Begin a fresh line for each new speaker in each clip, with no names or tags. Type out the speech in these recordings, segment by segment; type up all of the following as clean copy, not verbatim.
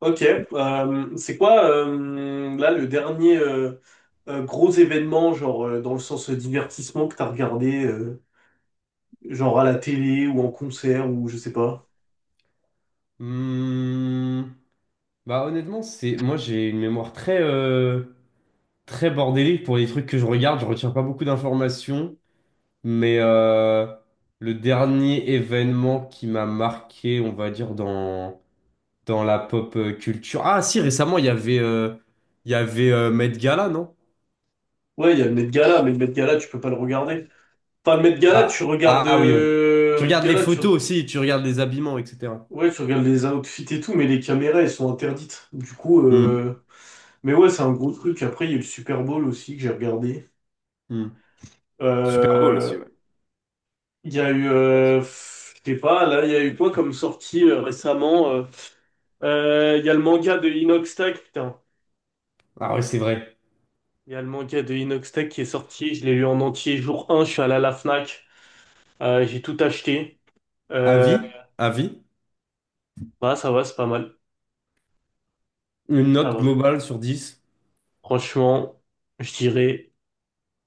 Ok, c'est quoi là le dernier gros événement, genre dans le sens divertissement que t'as regardé, genre à la télé ou en concert ou je sais pas.
Hmm. Honnêtement, c'est... moi j'ai une mémoire très très bordélique pour les trucs que je regarde, je retiens pas beaucoup d'informations, mais le dernier événement qui m'a marqué, on va dire dans dans la pop culture. Ah si, récemment, il y avait il y avait Met Gala, non?
Ouais, il y a le Met Gala, mais le Met Gala tu peux pas le regarder. Enfin le Met Gala tu regardes,
Ah oui, ouais. Tu
Met
regardes les
Gala tu,
photos aussi, tu regardes les habillements, etc.
ouais tu regardes les outfits et tout, mais les caméras elles sont interdites. Du coup,
Hmm,
mais ouais c'est un gros truc. Après il y a eu le Super Bowl aussi que j'ai regardé.
hmm. Super Bowl aussi,
Euh,
ouais.
Il y a eu, je sais pas, là, il y a eu quoi comme sortie récemment? Il y a le manga de Inoxtag, putain.
Ah oui, c'est vrai.
Il y a le manga de Inoxtag qui est sorti, je l'ai lu en entier jour un, je suis allé à la Fnac, j'ai tout acheté. Euh,
Avis? Avis?
Bah ça va, c'est pas mal.
Une
Ça
note
va.
globale sur 10,
Franchement, je dirais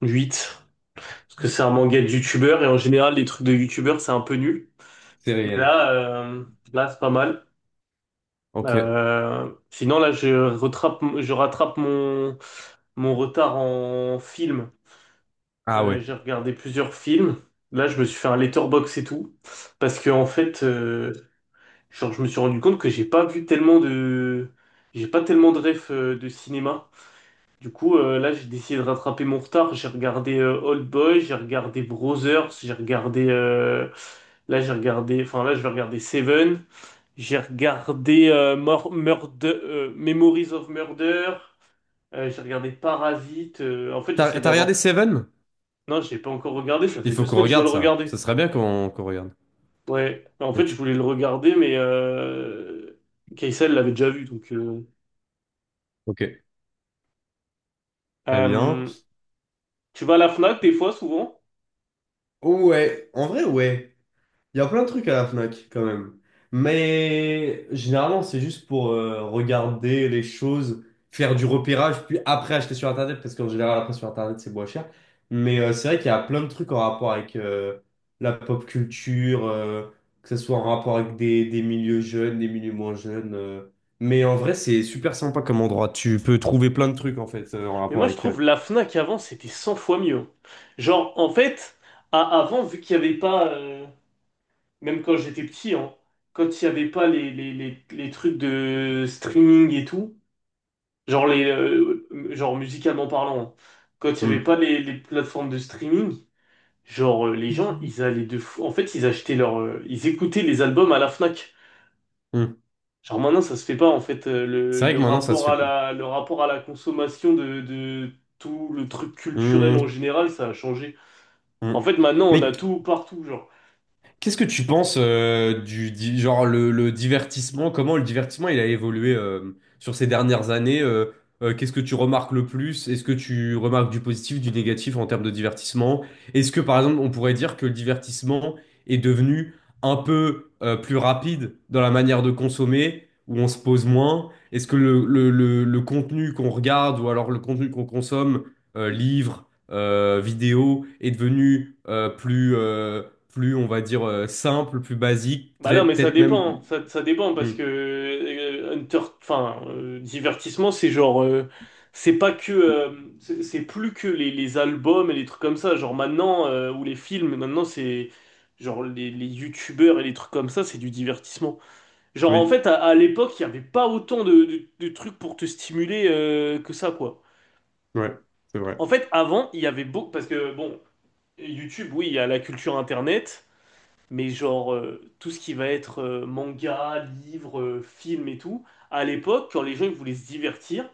8. Parce que c'est un manga de youtubeur et en général les trucs de youtubeur c'est un peu nul.
c'est
Mais
réel.
là, là c'est pas mal.
Ok.
Sinon, là, je rattrape mon retard en film.
Ah ouais.
J'ai regardé plusieurs films. Là, je me suis fait un letterbox et tout. Parce que, en fait, genre, je me suis rendu compte que j'ai pas vu tellement de. J'ai pas tellement de refs de cinéma. Du coup, là, j'ai décidé de rattraper mon retard. J'ai regardé Old Boy, j'ai regardé Brothers, j'ai regardé. Là, j'ai regardé. Enfin, là, je vais regarder Seven. J'ai regardé Memories of Murder. J'ai regardé Parasite. En fait, j'essaie
T'as, t'as regardé
d'avoir.
Seven?
Non, j'ai pas encore regardé. Ça
Il
fait deux
faut qu'on
semaines que je dois le
regarde ça. Ce
regarder.
serait bien qu'on regarde.
Ouais. En fait, je
Vite.
voulais le regarder, mais Kaysa l'avait déjà vu. Donc,
Ok. Très bien.
euh, tu vas à la Fnac des fois, souvent.
Ouais, en vrai, ouais. Il y a plein de trucs à la Fnac quand même. Mais généralement, c'est juste pour regarder les choses, faire du repérage, puis après acheter sur Internet, parce qu'en général, après sur Internet, c'est moins cher. Mais c'est vrai qu'il y a plein de trucs en rapport avec la pop culture, que ce soit en rapport avec des milieux jeunes, des milieux moins jeunes. Mais en vrai, c'est super sympa comme endroit. Tu peux trouver plein de trucs en fait en
Mais
rapport
moi, je
avec.
trouve la Fnac avant, c'était 100 fois mieux, hein. Genre, en fait, avant, vu qu'il n'y avait pas, même quand j'étais petit, hein, quand il n'y avait pas les trucs de streaming et tout. Genre, genre musicalement parlant, hein. Quand il n'y avait
Hum,
pas les plateformes de streaming, genre les gens, ils allaient de fou. En fait, ils achetaient ils écoutaient les albums à la Fnac.
hum.
Genre maintenant, ça se fait pas en fait.
C'est vrai
Le
que maintenant, ça se
rapport
fait
à
plus.
la, le rapport à la consommation de tout le truc culturel en
Hum,
général, ça a changé. En
hum.
fait, maintenant, on a
Mais
tout partout, genre.
qu'est-ce que tu penses genre le divertissement, comment le divertissement il a évolué sur ces dernières années, qu'est-ce que tu remarques le plus? Est-ce que tu remarques du positif, du négatif en termes de divertissement? Est-ce que par exemple on pourrait dire que le divertissement est devenu un peu plus rapide dans la manière de consommer, où on se pose moins? Est-ce que le contenu qu'on regarde ou alors le contenu qu'on consomme, livre vidéo est devenu plus, plus, on va dire, simple, plus basique,
Bah non,
très,
mais ça
peut-être même.
dépend, ça dépend parce
Hmm,
que Hunter, enfin, divertissement, c'est genre, c'est pas que, c'est plus que les albums et les trucs comme ça, genre maintenant, ou les films, maintenant c'est, genre les youtubeurs et les trucs comme ça, c'est du divertissement. Genre en
oui,
fait, à l'époque, il y avait pas autant de trucs pour te stimuler que ça, quoi.
ouais, c'est vrai.
En fait, avant, il y avait beaucoup, parce que bon, YouTube, oui, il y a la culture Internet, mais genre tout ce qui va être manga, livre, film et tout, à l'époque, quand les gens ils voulaient se divertir,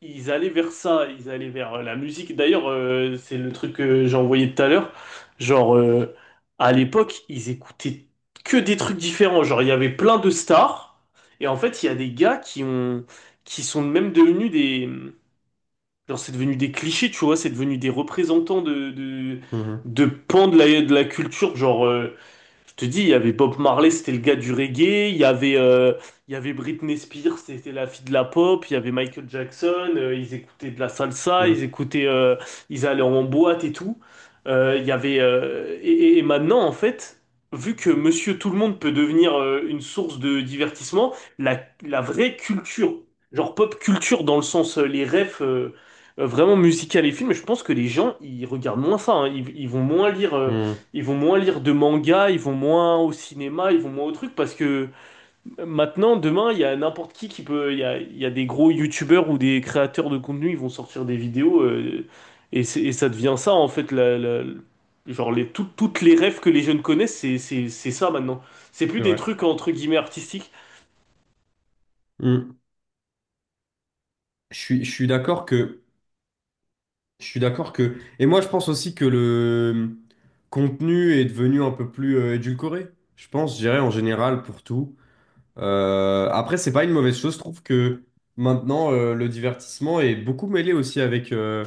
ils allaient vers ça, ils allaient vers la musique. D'ailleurs, c'est le truc que j'ai envoyé tout à l'heure. Genre, à l'époque, ils écoutaient que des trucs différents. Genre, il y avait plein de stars, et en fait, il y a des gars qui ont, qui sont même devenus des. Genre, c'est devenu des clichés, tu vois, c'est devenu des représentants
Mhm,
de pans de la culture. Genre, je te dis, il y avait Bob Marley, c'était le gars du reggae. Il y avait, Britney Spears, c'était la fille de la pop. Il y avait Michael Jackson, ils écoutaient de la salsa, ils
mhm,
écoutaient, ils allaient en boîte et tout. Il y avait, et- Et maintenant, en fait, vu que Monsieur Tout le Monde peut devenir une source de divertissement, la, la vraie culture, genre pop culture dans le sens les refs. Vraiment musical et films, je pense que les gens, ils regardent moins ça, hein. Ils vont moins lire.
mhm,
Ils vont moins lire de manga, ils vont moins au cinéma, ils vont moins au truc parce que maintenant, demain, il y a n'importe qui peut, il y a des gros youtubeurs ou des créateurs de contenu, ils vont sortir des vidéos et ça devient ça en fait, genre les, toutes les rêves que les jeunes connaissent, c'est ça maintenant. C'est plus
c'est
des
vrai.
trucs entre guillemets artistiques.
Hmm. Je suis d'accord que, et moi je pense aussi que le contenu est devenu un peu plus édulcoré. Je dirais en général pour tout. Après, c'est pas une mauvaise chose. Je trouve que maintenant, le divertissement est beaucoup mêlé aussi avec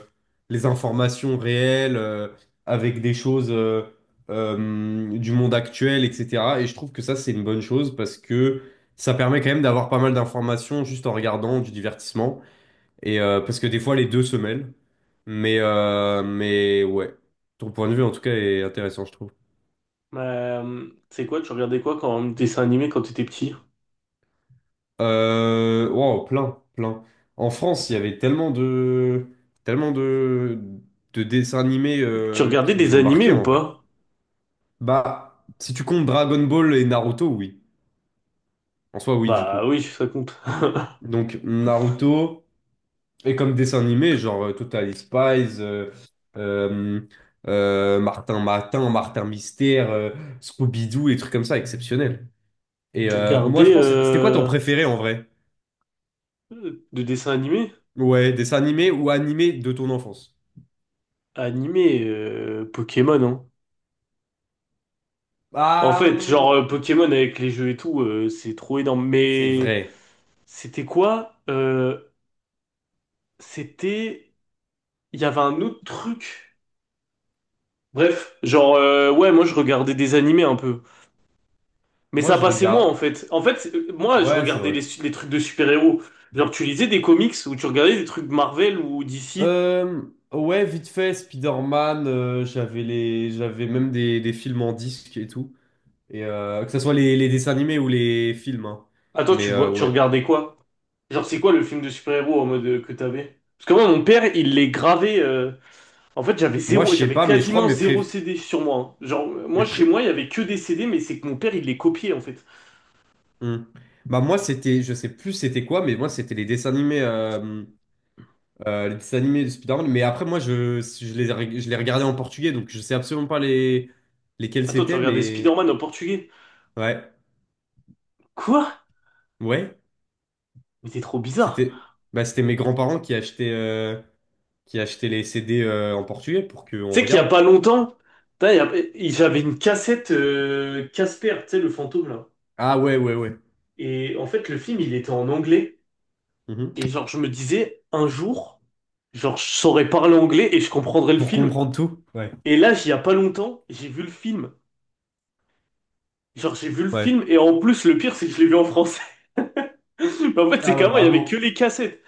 les informations réelles, avec des choses du monde actuel, etc. Et je trouve que ça, c'est une bonne chose parce que ça permet quand même d'avoir pas mal d'informations juste en regardant du divertissement. Et parce que des fois, les deux se mêlent. Mais ouais, ton point de vue en tout cas est intéressant, je trouve.
Tu regardais quoi quand dessin animé quand t'étais petit?
Wow, plein, plein. En France, il y avait tellement de dessins animés
Tu regardais
qui nous
des
ont
animés
marqués
ou
en vrai.
pas?
Bah, si tu comptes Dragon Ball et Naruto, oui. En soi, oui, du
Bah
coup.
oui, ça compte.
Donc, Naruto, et comme dessin animé, genre Totally Spies, euh, Martin Matin, Martin Mystère, Scooby-Doo, et trucs comme ça, exceptionnels. Et
Tu
moi, je
regardais
pense, c'était quoi ton préféré en vrai?
de dessins animés?
Ouais, dessin animé ou animé de ton enfance?
Animé, Pokémon, hein. En
Ah,
fait, genre Pokémon avec les jeux et tout, c'est trop énorme.
c'est
Mais
vrai.
c'était quoi? C'était... Il y avait un autre truc. Bref, ouais, moi je regardais des animés un peu. Mais
Moi,
ça
je
passait moins en
regarde.
fait. En fait, moi je
Ouais, c'est
regardais
vrai.
les trucs de super-héros. Genre, tu lisais des comics ou tu regardais des trucs Marvel ou DC.
Euh, ouais, vite fait, Spider-Man, j'avais les... j'avais même des films en disque et tout. Et, que ce soit les dessins animés ou les films, hein.
Attends,
Mais
tu vois, tu
ouais.
regardais quoi? Genre, c'est quoi le film de super-héros en mode que t'avais? Parce que moi, mon père, il les gravait. En fait, j'avais
Moi, je
zéro,
sais
j'avais
pas, mais je crois
quasiment
mes
zéro
pré...
CD sur moi, hein. Genre, moi,
Mes pré...
chez moi, il y avait que des CD, mais c'est que mon père, il les copiait, en fait.
Hum. Bah, moi, c'était... je sais plus c'était quoi, mais moi, c'était les dessins animés. Les dessins animés de Spider-Man. Mais après, moi, je les, ai- je les regardais en portugais, donc je sais absolument pas les... lesquels
Attends, tu
c'était,
regardais
mais.
Spider-Man en portugais.
Ouais.
Quoi?
Ouais.
Mais t'es trop bizarre.
C'était c'était mes grands-parents qui achetaient, qui achetaient les CD en portugais pour qu'on
Tu sais qu'il y a
regarde.
pas longtemps, putain, il y a- il- j'avais une cassette Casper, tu sais, le fantôme, là.
Ah ouais, ouais, ouais.
Et en fait, le film, il était en anglais.
Mhm.
Et genre, je me disais, un jour, genre, je saurais parler anglais et je comprendrais le
Pour
film.
comprendre tout. Ouais.
Et là, il y a pas longtemps, j'ai vu le film. Genre, j'ai vu le
Ouais.
film, et en plus, le pire, c'est que je l'ai vu en français. Mais en fait, c'est
Ah ouais,
qu'avant, il y avait que
bravo.
les cassettes.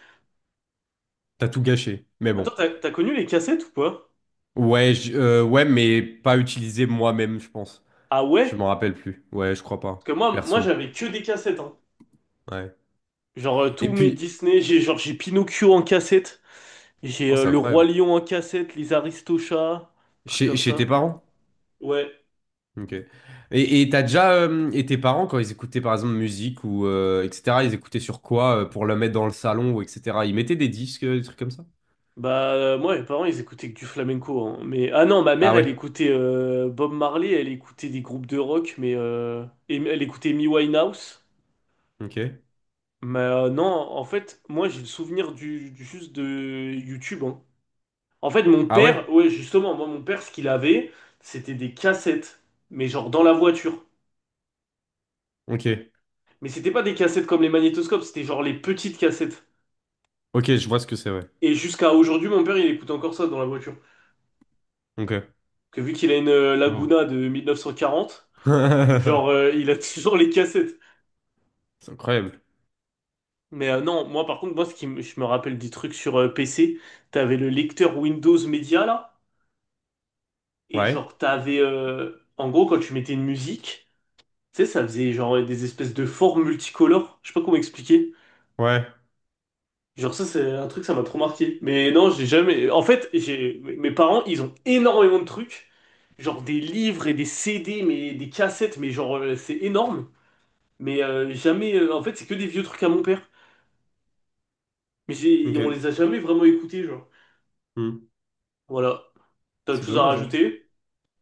T'as tout gâché. Mais
Attends,
bon.
t'as connu les cassettes ou pas?
Ouais, mais pas utilisé moi-même, je pense.
Ah
Je
ouais?
m'en rappelle plus. Ouais, je crois
Parce
pas.
que moi
Perso.
j'avais que des cassettes, hein.
Ouais.
Genre,
Et
tous mes
puis.
Disney, j'ai Pinocchio en cassette, j'ai
Oh, c'est
Le Roi
incroyable.
Lion en cassette, les Aristochats, trucs comme
Chez tes
ça.
parents?
Ouais.
Ok. Et t'as déjà et tes parents quand ils écoutaient par exemple musique ou etc. Ils écoutaient sur quoi pour le mettre dans le salon ou etc. Ils mettaient des disques, des trucs comme ça?
Bah, moi, mes parents, ils écoutaient que du flamenco, hein. Mais, ah non, ma
Ah
mère, elle
ouais.
écoutait Bob Marley, elle écoutait des groupes de rock, mais elle écoutait Amy Winehouse.
Ok.
Mais non, en fait, moi, j'ai le souvenir juste de YouTube, hein. En fait, mon
Ah
père,
ouais.
ouais, justement, moi, mon père, ce qu'il avait, c'était des cassettes, mais genre dans la voiture.
Ok.
Mais c'était pas des cassettes comme les magnétoscopes, c'était genre les petites cassettes.
Ok, je vois ce que c'est. Ouais.
Et jusqu'à aujourd'hui, mon père, il écoute encore ça dans la voiture.
Ok.
Que vu qu'il a une
Wow.
Laguna de 1940, genre, il a toujours les cassettes.
C'est incroyable.
Mais non, moi, par contre, moi, je me rappelle des trucs sur PC, t'avais le lecteur Windows Media, là, et
Ouais.
genre, t'avais, en gros, quand tu mettais une musique, tu sais, ça faisait genre des espèces de formes multicolores, je sais pas comment expliquer.
Ouais.
Genre ça, c'est un truc, ça m'a trop marqué. Mais non, j'ai jamais... En fait, j'ai... mes parents, ils ont énormément de trucs. Genre des livres et des CD, mais des cassettes, mais genre, c'est énorme. Mais jamais... En fait, c'est que des vieux trucs à mon père. Mais j'ai...
Ok.
on les a jamais vraiment écoutés, genre.
Hmm.
Voilà. T'as autre
C'est
chose à
dommage, hein.
rajouter?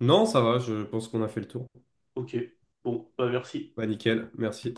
Non, ça va. Je pense qu'on a fait le tour.
Ok. Bon, bah merci.
Bah nickel. Merci.